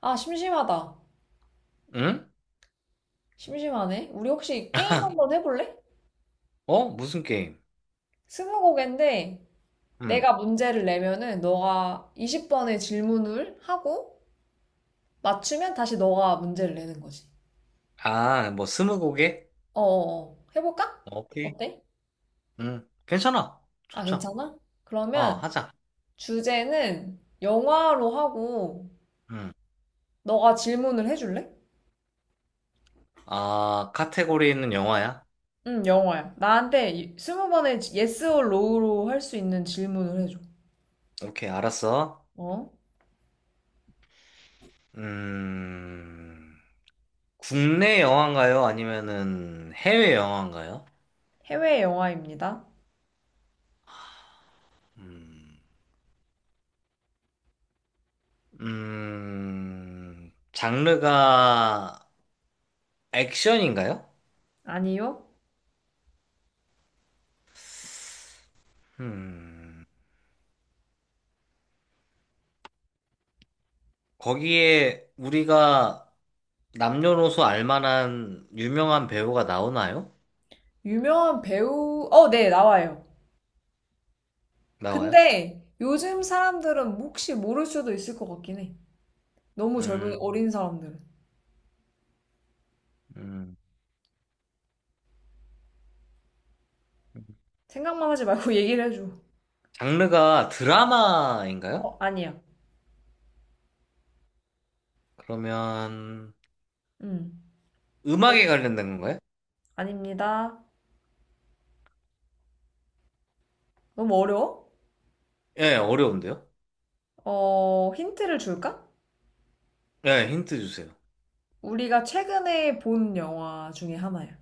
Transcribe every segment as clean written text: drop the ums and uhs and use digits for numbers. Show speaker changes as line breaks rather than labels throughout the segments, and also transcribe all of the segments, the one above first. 아, 심심하다.
응?
심심하네. 우리 혹시 게임 한번 해볼래?
어? 무슨 게임?
스무고개인데
음.
내가 문제를 내면은 너가 20번의 질문을 하고 맞추면 다시 너가 문제를 내는 거지.
아, 뭐 스무고개?
어어어. 해볼까?
오케이.
어때?
음. 괜찮아.
아,
좋죠.
괜찮아?
어,
그러면
하자.
주제는 영화로 하고
음.
너가 질문을 해줄래?
아, 카테고리는 영화야?
응, 영화야. 나한테 20번의 yes or no로 할 수 있는 질문을 해줘.
오케이, 알았어.
어?
음. 국내 영화인가요? 아니면은 해외 영화인가요?
해외 영화입니다.
음. 음. 장르가 액션인가요?
아니요?
음. 거기에 우리가 남녀노소 알만한 유명한 배우가 나오나요?
유명한 배우, 네, 나와요.
나와요?
근데 요즘 사람들은 혹시 모를 수도 있을 것 같긴 해. 너무
음,
젊은, 어린 사람들은.
음.
생각만 하지 말고 얘기를 해줘.
장르가 드라마인가요?
아니야.
그러면
음, 어,
음악에 관련된 건가요?
아닙니다. 너무 어려워?
예, 어려운데요?
힌트를 줄까?
예, 힌트 주세요.
우리가 최근에 본 영화 중에 하나야.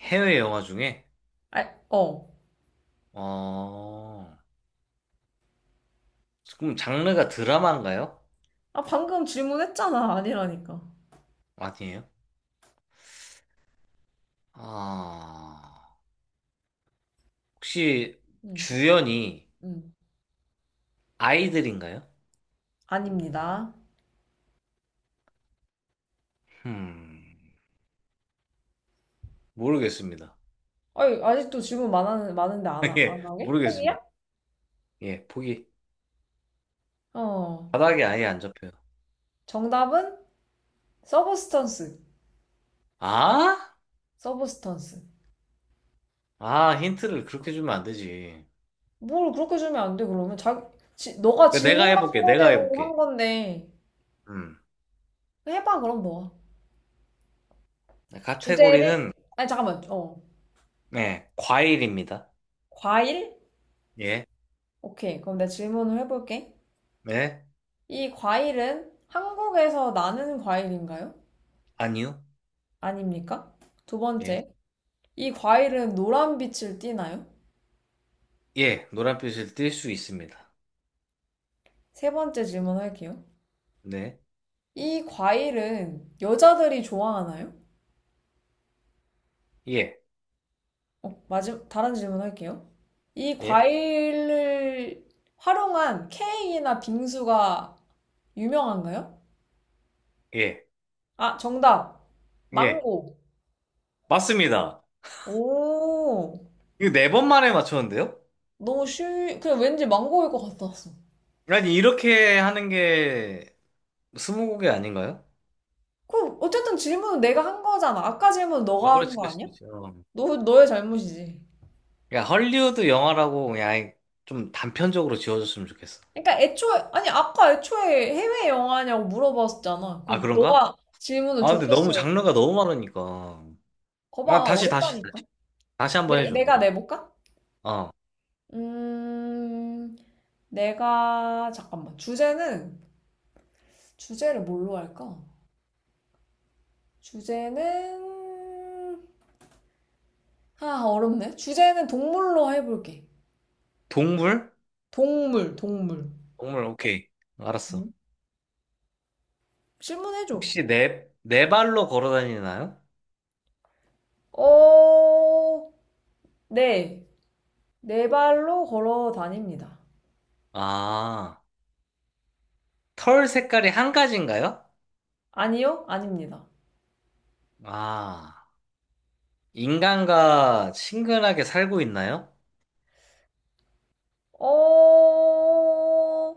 해외 영화 중에?
아, 어.
어, 그럼 장르가 드라마인가요?
아, 방금 질문했잖아. 아니라니까.
아니에요? 아, 혹시
음,
주연이
음.
아이들인가요?
아닙니다.
음, 모르겠습니다.
아니, 아직도 질문 많은데 안, 하- 안
예,
하게?
모르겠습니다.
포기야?
예, 보기.
어.
바닥에 아예 안 잡혀요.
정답은 서브스턴스.
아?
서브스턴스.
아, 힌트를 그렇게 주면 안 되지.
뭘 그렇게 주면 안 돼, 그러면. 자, 너가
그러니까 내가
질문한
해볼게, 내가
거대로 한
해볼게.
건데.
음.
해봐, 그럼 너가.
네,
주제를,
카테고리는,
아니, 잠깐만.
네, 과일입니다.
과일?
예,
오케이. 그럼 내가 질문을 해볼게.
네,
이 과일은 한국에서 나는 과일인가요?
아니요.
아닙니까? 두
예,
번째. 이 과일은 노란 빛을 띠나요?
예, 노란빛을 띨 수 있습니다.
세 번째 질문할게요.
네,
이 과일은 여자들이 좋아하나요?
예,
다른 질문 할게요. 이
예,
과일을 활용한 케이크나 빙수가 유명한가요?
예,
아, 정답.
예.
망고.
맞습니다.
오,
이거 네 번 만에 맞췄는데요?
너무 쉬, 그냥 왠지 망고일 것 같았어.
아니, 이렇게 하는 게 스무고개 아닌가요?
그럼 어쨌든 질문은 내가 한 거잖아. 아까 질문
아,
너가 한
그렇지,
거
그렇지,
아니야?
그렇지. 어.
너의 잘못이지.
야, 헐리우드 영화라고 그냥 아예 좀 단편적으로 지어줬으면 좋겠어.
그러니까 아니, 아까 애초에 해외 영화냐고 물어봤었잖아.
아,
그럼
그런가?
너가 질문을
아, 근데 너무
좁혔어야 돼.
장르가 너무 많으니까. 아,
거봐,
다시, 다시,
어렵다니까.
다시. 다시 한번
내,
해줘,
내가
그럼.
내볼까?
어.
음, 내가 잠깐만 주제는 주제를 뭘로 할까? 주제는 아, 어렵네. 주제는 동물로 해볼게.
동물?
동물, 동물.
동물, 오케이. 알았어.
응? 질문해줘.
혹시 네, 네 발로 걸어 다니나요?
어, 네. 네 발로 걸어 다닙니다.
아, 털 색깔이 한 가지인가요?
아니요? 아닙니다.
아, 인간과 친근하게 살고 있나요?
어,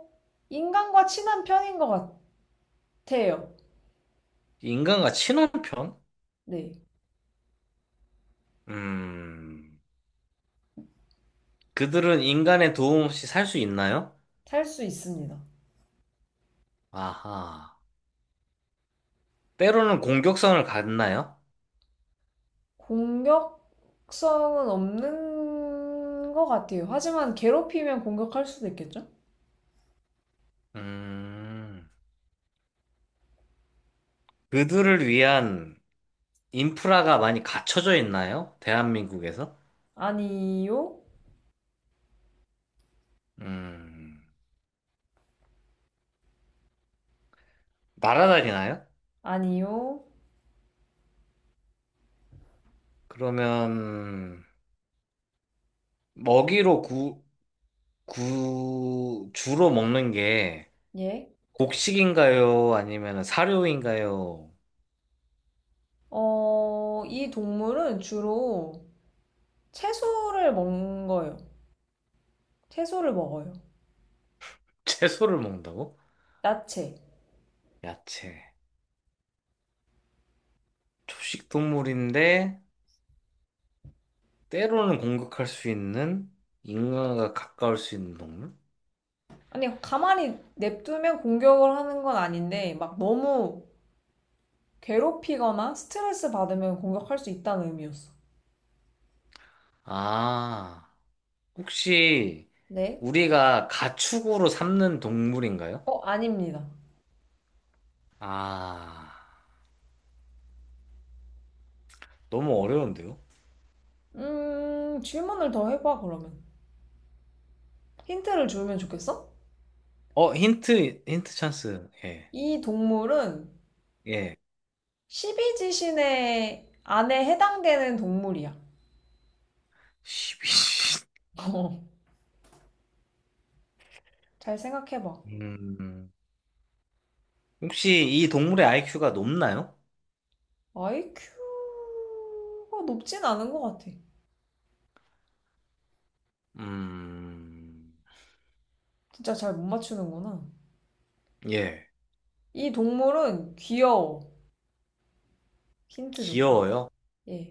인간과 친한 편인 것 같아요.
인간과 친한 편
네.
음, 그들은 인간의 도움 없이 살 수 있나요?
살 수 있습니다.
아하. 때로는 공격성을 갖나요?
공격 속성은 없는 것 같아요. 하지만 괴롭히면 공격할 수도 있겠죠?
음, 그들을 위한 인프라가 많이 갖춰져 있나요? 대한민국에서?
아니요,
음, 날아다니나요?
아니요,
그러면 먹이로 구, 구, 주로 먹는 게
예.
곡식인가요? 아니면 사료인가요?
이 동물은 주로 채소를 먹는 거예요. 채소를 먹어요.
채소를 먹는다고?
야채.
야채. 초식 동물인데 때로는 공격할 수 있는 인간과 가까울 수 있는 동물?
아니, 가만히 냅두면 공격을 하는 건 아닌데, 막 너무 괴롭히거나 스트레스 받으면 공격할 수 있다는 의미였어.
아, 혹시
네?
우리가 가축으로 삼는 동물인가요?
아닙니다.
아, 너무 어려운데요?
질문을 더 해봐, 그러면. 힌트를 주면 좋겠어?
어, 힌트, 힌트 찬스. 예,
이 동물은
예.
십이지신의 안에 해당되는 동물이야.
지
잘 생각해봐.
2 혹시 이 동물의 아이큐가 높나요?
아이큐가 높진 않은 것 같아.
음,
진짜 잘 못 맞추는구나.
예.
이 동물은 귀여워. 힌트 줬다.
귀여워요?
예.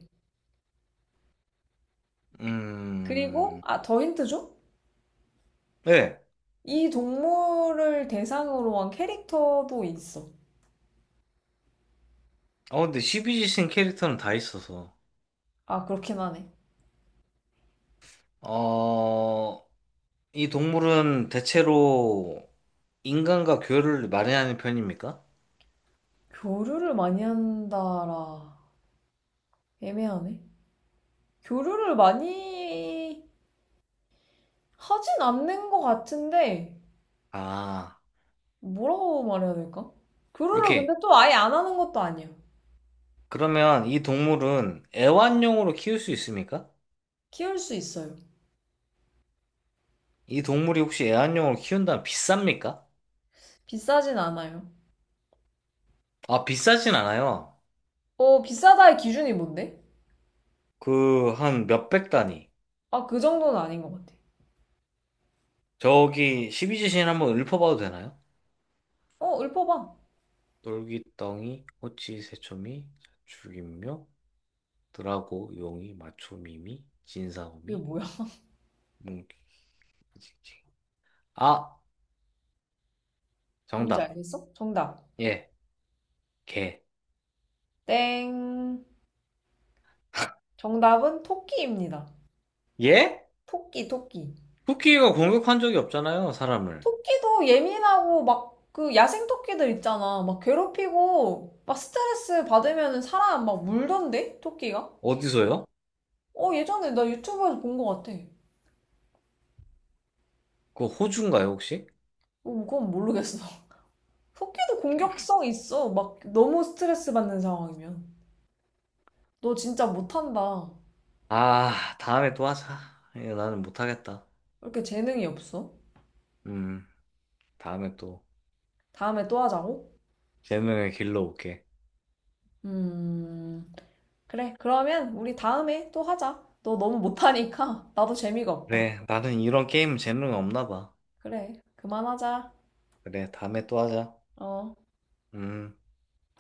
그리고,
음,
아, 더 힌트 줘?
예.
이 동물을 대상으로 한 캐릭터도 있어.
어, 근데 시비지신 캐릭터는 다 있어서.
아, 그렇긴 하네.
어, 이 동물은 대체로 인간과 교류를 많이 하는 편입니까?
교류를 많이 한다라. 애매하네. 교류를 많이 하진 않는 것 같은데,
아,
뭐라고 말해야 될까? 그루를 근데
오케이.
또 아예 안 하는 것도 아니야.
그러면 이 동물은 애완용으로 키울 수 있습니까?
키울 수 있어요.
이 동물이 혹시 애완용으로 키운다면 비쌉니까?
비싸진 않아요.
아, 비싸진 않아요.
비싸다의 기준이 뭔데?
그, 한 몇백 단위.
아, 그 정도는 아닌 것 같아.
저기, 십이지신 한번 읊어봐도 되나요?
읊어봐.
놀기덩이, 호치, 새초미, 죽임묘, 드라고, 용이, 마초미미,
그게
진사오미,
뭐야?
뭉키, 징징. 아,
뭔지
정답.
알겠어? 정답.
예, 개.
땡. 정답은 토끼입니다.
예?
토끼, 토끼.
쿠키가 공격한 적이 없잖아요, 사람을.
토끼도 예민하고 막 그 야생 토끼들 있잖아. 막 괴롭히고 막 스트레스 받으면 사람 막 물던데? 토끼가?
어디서요?
예전에 나 유튜브에서 본 것 같아.
그거 호주인가요, 혹시?
그건 모르겠어. 토끼도 공격성 있어. 막 너무 스트레스 받는 상황이면. 너 진짜 못한다. 왜
아, 다음에 또 하자. 이거 나는 못하겠다.
이렇게 재능이 없어?
음. 다음에 또
다음에 또 하자고?
재능을 길러 올게.
음, 그래. 그러면 우리 다음에 또 하자. 너 너무 못하니까 나도 재미가 없다.
그래, 나는 이런 게임 재능 없나 봐.
그래. 그만하자.
그래, 다음에 또 하자.
어.
음.